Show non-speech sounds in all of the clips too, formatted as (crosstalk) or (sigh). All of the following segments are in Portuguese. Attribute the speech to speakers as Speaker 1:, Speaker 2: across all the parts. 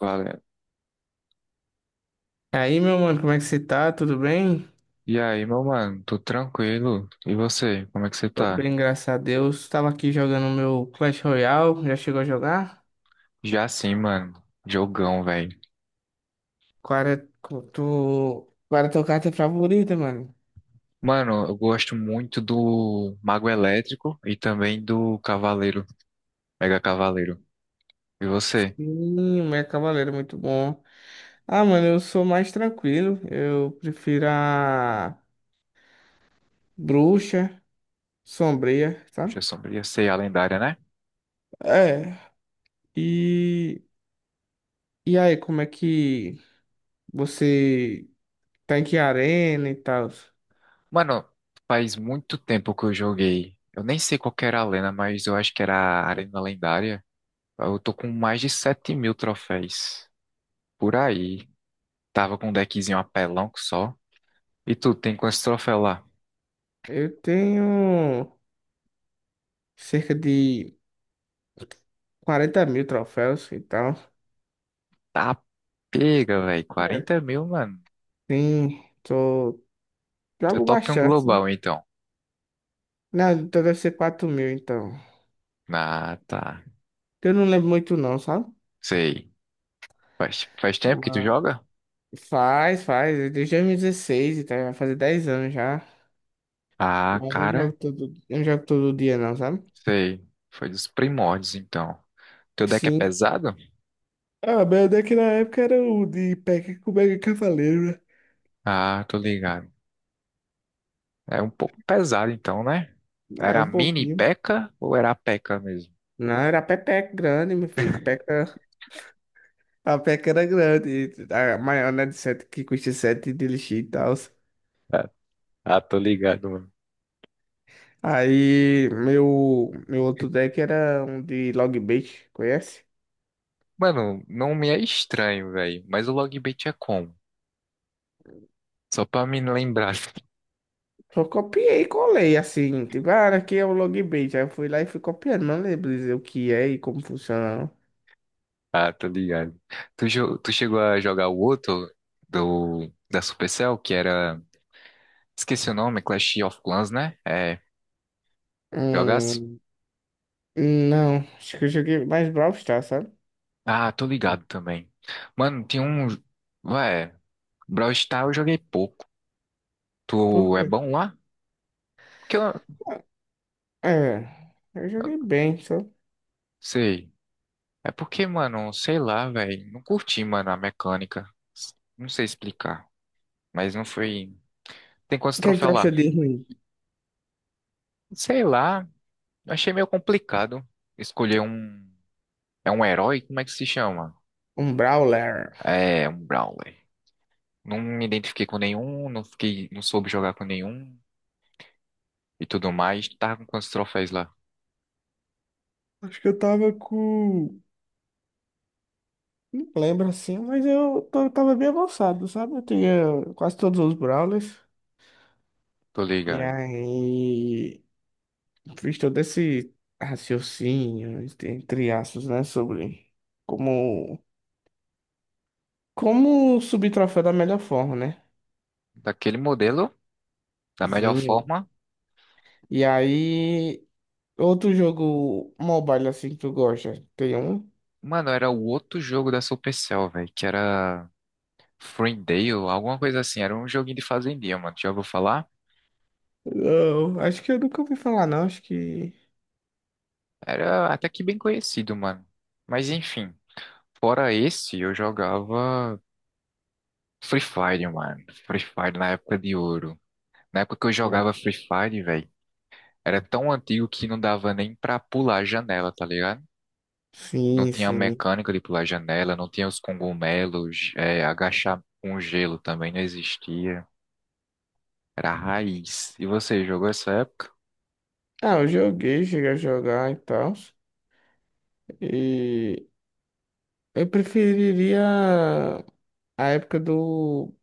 Speaker 1: Valeu.
Speaker 2: E aí, meu mano, como é que você tá? Tudo bem?
Speaker 1: E aí, meu mano, tô tranquilo. E você, como é que você
Speaker 2: Tô
Speaker 1: tá?
Speaker 2: bem, graças a Deus. Tava aqui jogando meu Clash Royale. Já chegou a jogar?
Speaker 1: Já sim, mano. Jogão, velho.
Speaker 2: Qual é qual é a tua carta favorita, mano?
Speaker 1: Mano, eu gosto muito do Mago Elétrico e também do Cavaleiro, Mega Cavaleiro. E você?
Speaker 2: Sim, o meu Cavaleiro é muito bom. Ah, mano, eu sou mais tranquilo. Eu prefiro a Bruxa Sombria, sabe?
Speaker 1: Bruxa Sombria, sei a lendária, né?
Speaker 2: É. E... E aí, como é que você tá, em que arena e tal?
Speaker 1: Mano, faz muito tempo que eu joguei. Eu nem sei qual que era a lenda, mas eu acho que era a Arena Lendária. Eu tô com mais de 7.000 troféus. Por aí. Tava com um deckzinho apelão que só. E tu, tem quantos troféus lá?
Speaker 2: Eu tenho cerca de 40.000 troféus e tal.
Speaker 1: Tá pega, velho.
Speaker 2: É,
Speaker 1: 40.000, mano.
Speaker 2: tem, tô,
Speaker 1: Tu é
Speaker 2: jogo
Speaker 1: top um
Speaker 2: bastante.
Speaker 1: global, então.
Speaker 2: Não, então deve ser 4.000, então.
Speaker 1: Ah, tá.
Speaker 2: Eu não lembro muito, não, sabe?
Speaker 1: Sei. Faz tempo que tu
Speaker 2: Mas
Speaker 1: joga?
Speaker 2: faz, desde 2016, então vai fazer 10 anos já.
Speaker 1: Ah,
Speaker 2: Mas eu não jogo
Speaker 1: cara.
Speaker 2: todo, eu não jogo todo dia, não, sabe?
Speaker 1: Sei. Foi dos primórdios, então. Teu deck é
Speaker 2: Sim.
Speaker 1: pesado?
Speaker 2: Ah, meu daqui na época era o de Peca com Mega Cavaleiro,
Speaker 1: Ah, tô ligado. É um pouco pesado, então, né?
Speaker 2: né? É,
Speaker 1: Era a
Speaker 2: um
Speaker 1: mini
Speaker 2: pouquinho.
Speaker 1: P.E.K.K.A. ou era a P.E.K.K.A. mesmo?
Speaker 2: Não, era pepeca grande, meu filho. Peca, a peca era grande. A maior, né, de sete, que custa 7 de lixo e tal.
Speaker 1: Ah, ah, tô ligado, mano.
Speaker 2: Aí meu outro deck era um de log bait, conhece?
Speaker 1: Mano, não me é estranho, velho. Mas o logbait é como? Só pra me lembrar.
Speaker 2: Só copiei e colei assim, tipo, ah, aqui é o logbait. Aí eu fui lá e fui copiando, não lembro dizer o que é e como funciona. Não.
Speaker 1: Ah, tô ligado. Tu chegou a jogar o outro da Supercell, que era. Esqueci o nome, Clash of Clans, né? É. Jogasse?
Speaker 2: Hum, não, acho que eu joguei mais Brawl Stars, sabe?
Speaker 1: Ah, tô ligado também. Mano, tinha um. Ué, Brawl Stars eu joguei pouco. Tu
Speaker 2: Por
Speaker 1: é
Speaker 2: quê?
Speaker 1: bom lá? Porque eu.
Speaker 2: É, eu joguei
Speaker 1: eu
Speaker 2: bem, só. O
Speaker 1: Sei. É porque, mano, sei lá, velho. Não curti, mano, a mecânica. Não sei explicar. Mas não foi. Tem quantos
Speaker 2: que é que tu
Speaker 1: troféus lá?
Speaker 2: acha de ruim?
Speaker 1: Sei lá. Achei meio complicado escolher um. É um herói? Como é que se chama?
Speaker 2: Um Brawler.
Speaker 1: É um Brawler. Não me identifiquei com nenhum, não fiquei, não soube jogar com nenhum e tudo mais. Tava com quantos troféus lá?
Speaker 2: Acho que eu tava com. Não lembro assim, mas eu tava bem avançado, sabe? Eu tinha quase todos os Brawlers.
Speaker 1: Tô
Speaker 2: E
Speaker 1: ligado.
Speaker 2: aí, fiz todo esse raciocínio, entre aspas, né, sobre como, como subir troféu da melhor forma, né?
Speaker 1: Daquele modelo, da melhor
Speaker 2: Zinho.
Speaker 1: forma.
Speaker 2: E aí, outro jogo mobile assim que tu gosta, tem um?
Speaker 1: Mano, era o outro jogo da Supercell, velho, que era Fruitdale, alguma coisa assim. Era um joguinho de fazendinha, mano. Já ouviu falar?
Speaker 2: Não, acho que eu nunca ouvi falar, não, acho que...
Speaker 1: Era até que bem conhecido, mano. Mas enfim, fora esse, eu jogava Free Fire, mano. Free Fire na época de ouro. Na época que eu
Speaker 2: Não.
Speaker 1: jogava Free Fire, velho. Era tão antigo que não dava nem pra pular a janela, tá ligado? Não
Speaker 2: Sim,
Speaker 1: tinha
Speaker 2: sim.
Speaker 1: mecânica de pular a janela, não tinha os cogumelos, agachar com gelo também não existia. Era a raiz. E você jogou essa época?
Speaker 2: Ah, eu joguei, cheguei a jogar e tal, e eu preferiria a época do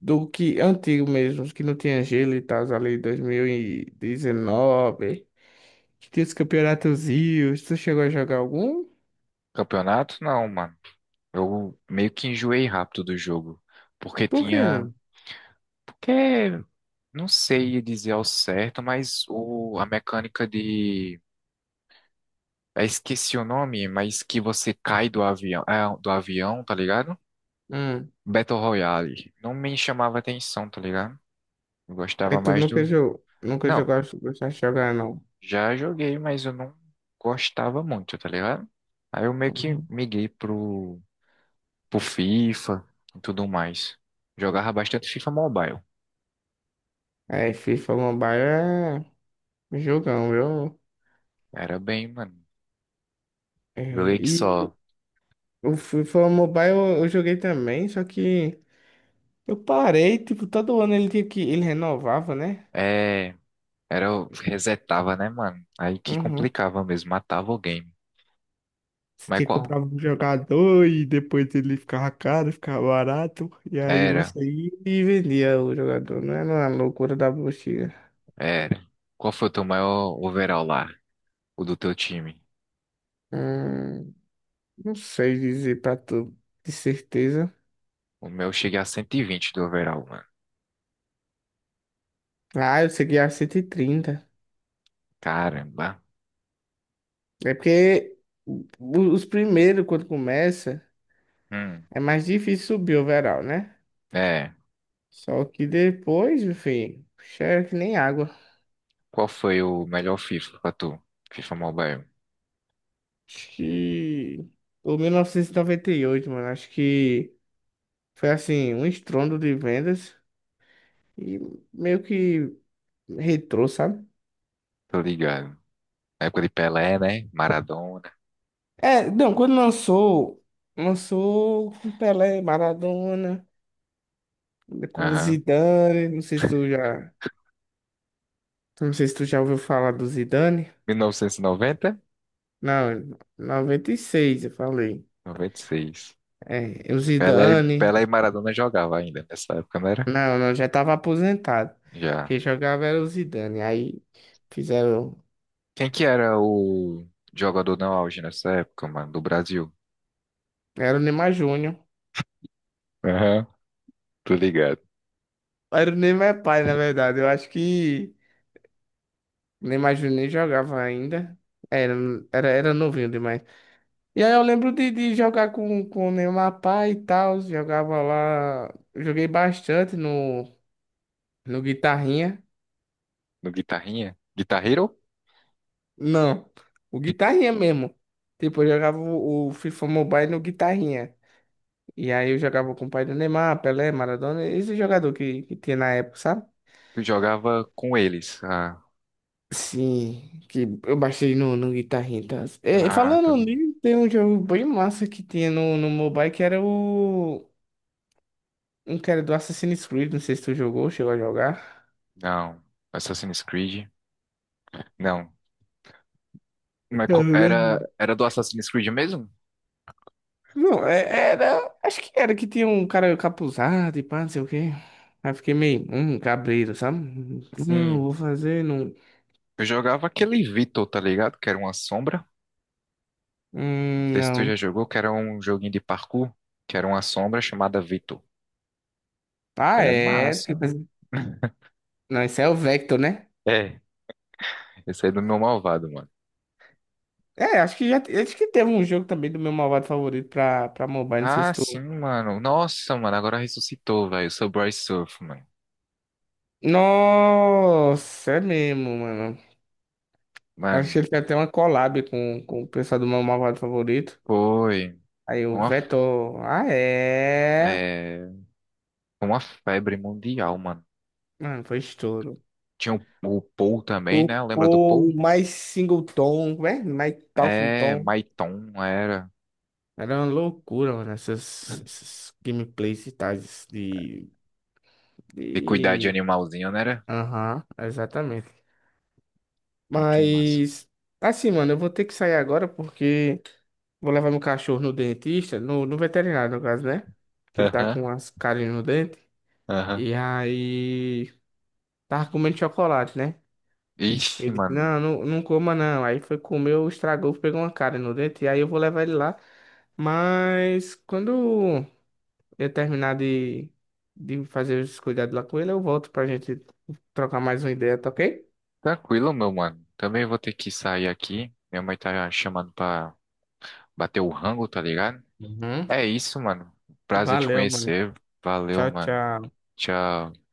Speaker 2: que antigo mesmo, que não tinha gelo e tal, ali 2019, que tinha os campeonatos rios, tu chegou a jogar algum?
Speaker 1: Campeonato? Não, mano. Eu meio que enjoei rápido do jogo. Porque
Speaker 2: Por quê,
Speaker 1: tinha.
Speaker 2: mano?
Speaker 1: Porque. Não sei dizer ao certo, mas o... a mecânica de. Eu esqueci o nome, mas que você cai do avião, do avião, tá ligado?
Speaker 2: Hum.
Speaker 1: Battle Royale. Não me chamava atenção, tá ligado? Eu
Speaker 2: Aí
Speaker 1: gostava
Speaker 2: tu
Speaker 1: mais
Speaker 2: nunca
Speaker 1: do.
Speaker 2: jogou,
Speaker 1: Não,
Speaker 2: gostava de jogar, não.
Speaker 1: já joguei, mas eu não gostava muito, tá ligado? Aí eu meio que
Speaker 2: Uhum.
Speaker 1: miguei pro, FIFA e tudo mais. Jogava bastante FIFA Mobile.
Speaker 2: É, FIFA Mobile é um jogão, viu?
Speaker 1: Era bem, mano.
Speaker 2: É,
Speaker 1: Joguei que
Speaker 2: e
Speaker 1: só.
Speaker 2: o FIFA Mobile eu, joguei também, só que eu parei, tipo, todo ano ele tinha ele renovava, né?
Speaker 1: É. Era, eu resetava, né, mano? Aí que
Speaker 2: Uhum.
Speaker 1: complicava mesmo, matava o game. Mas
Speaker 2: Você
Speaker 1: qual.
Speaker 2: comprava um jogador e depois ele ficava caro, ficava barato. E aí
Speaker 1: Era,
Speaker 2: você ia e vendia o jogador. Não era a loucura da bucha.
Speaker 1: era. Qual foi o teu maior overall lá? O do teu time?
Speaker 2: Hum, não sei dizer pra tu de certeza.
Speaker 1: O meu chega a 120 do overall, mano.
Speaker 2: Ah, eu segui a 130.
Speaker 1: Caramba.
Speaker 2: É porque o- os primeiros, quando começa,
Speaker 1: Hum,
Speaker 2: é mais difícil subir o overall, né?
Speaker 1: é.
Speaker 2: Só que depois, enfim, é que nem água.
Speaker 1: Qual foi o melhor FIFA pra tu? FIFA Mobile.
Speaker 2: Acho que. O 1998, mano, acho que. Foi assim, um estrondo de vendas e meio que retrô, sabe?
Speaker 1: Tô ligado. Época de Pelé, né? Maradona.
Speaker 2: É, não, quando lançou, lançou com Pelé, Maradona, com
Speaker 1: Aham.
Speaker 2: Zidane, não sei se tu já, não sei se tu já ouviu falar do Zidane.
Speaker 1: 1990?
Speaker 2: Não, 96 eu falei.
Speaker 1: 96.
Speaker 2: É, o
Speaker 1: Pelé, e-
Speaker 2: Zidane,
Speaker 1: Pelé e Maradona jogava ainda nessa época, não era?
Speaker 2: não, já tava aposentado.
Speaker 1: Já.
Speaker 2: Quem jogava era o Zidane. Aí fizeram,
Speaker 1: Quem que era o jogador no auge nessa época, mano? Do Brasil?
Speaker 2: era o Neymar Júnior.
Speaker 1: Aham. Tô ligado.
Speaker 2: Era o Neymar pai, na verdade. Eu acho que nem imagino, nem jogava ainda. Era, era novinho demais. E aí eu lembro de jogar com, o Neymar Pai e tal. Jogava lá. Joguei bastante no, no Guitarrinha.
Speaker 1: No Guitarrinha? Guitar Hero?
Speaker 2: Não, o Guitarrinha mesmo. Tipo, eu jogava o, FIFA Mobile no Guitarrinha. E aí eu jogava com o pai do Neymar, Pelé, Maradona, esse jogador que tinha na época, sabe?
Speaker 1: Tu jogava com eles. Ah,
Speaker 2: Sim, que eu baixei no, Guitarrinha. E É,
Speaker 1: ah, tô
Speaker 2: falando
Speaker 1: ligado.
Speaker 2: nisso, tem um jogo bem massa que tinha no, mobile que era o. Um que era do Assassin's Creed, não sei se tu jogou, chegou a jogar.
Speaker 1: Não. Assassin's Creed? Não. Mas
Speaker 2: Cara,
Speaker 1: co-
Speaker 2: né?
Speaker 1: era, era do Assassin's Creed mesmo?
Speaker 2: Não, era. Acho que era que tinha um cara capuzado e pá, não sei o quê. Aí fiquei meio, cabreiro, sabe? Não,
Speaker 1: Sim.
Speaker 2: vou fazer, não.
Speaker 1: Eu jogava aquele Vito, tá ligado? Que era uma sombra. Não sei se tu
Speaker 2: Não.
Speaker 1: já jogou, que era um joguinho de parkour, que era uma sombra chamada Vito.
Speaker 2: Ah,
Speaker 1: Era
Speaker 2: é. Tem
Speaker 1: massa,
Speaker 2: que
Speaker 1: mano.
Speaker 2: fazer...
Speaker 1: (laughs)
Speaker 2: Não, esse é o Vector, né?
Speaker 1: É. Esse aí é do meu malvado, mano.
Speaker 2: É, acho que já. Acho que teve um jogo também do meu malvado favorito pra, mobile, não sei se
Speaker 1: Ah, sim,
Speaker 2: tu.
Speaker 1: mano. Nossa, mano, agora ressuscitou, velho. Eu sou Bryce Surf, mano.
Speaker 2: Nossa, é mesmo, mano. Acho que
Speaker 1: Mano,
Speaker 2: ele tem até uma collab com, o pessoal do meu malvado favorito.
Speaker 1: foi
Speaker 2: Aí o
Speaker 1: uma,
Speaker 2: Vetor, ah é.
Speaker 1: é, uma febre mundial, mano.
Speaker 2: Mano, foi estouro.
Speaker 1: Tinha o Paul também, né? Lembra do
Speaker 2: Tocou
Speaker 1: Paul?
Speaker 2: mais singleton, né? Mais talking
Speaker 1: É,
Speaker 2: tom.
Speaker 1: Maiton, era.
Speaker 2: Era uma loucura, mano, essas, gameplays e tais
Speaker 1: E cuidar de
Speaker 2: de...
Speaker 1: animalzinho, né? Era
Speaker 2: Aham, exatamente.
Speaker 1: muito massa.
Speaker 2: Mas, assim, mano, eu vou ter que sair agora porque vou levar meu cachorro no dentista, no, veterinário, no caso, né? Que ele tá
Speaker 1: Aham,
Speaker 2: com umas carinhas no dente.
Speaker 1: aham.
Speaker 2: E aí, tava comendo chocolate, né?
Speaker 1: Ixi,
Speaker 2: Ele disse,
Speaker 1: mano.
Speaker 2: não, não coma, não. Aí foi comeu, estragou, pegou uma cara no dente. E aí eu vou levar ele lá. Mas quando eu terminar de fazer os cuidados lá com ele, eu volto pra gente trocar mais uma ideia, tá ok?
Speaker 1: Tranquilo, meu mano. Também vou ter que sair aqui. Minha mãe tá chamando pra bater o rango, tá ligado?
Speaker 2: Uhum.
Speaker 1: É isso, mano. Prazer te
Speaker 2: Valeu, mano.
Speaker 1: conhecer. Valeu,
Speaker 2: Tchau,
Speaker 1: mano.
Speaker 2: tchau.
Speaker 1: Tchau.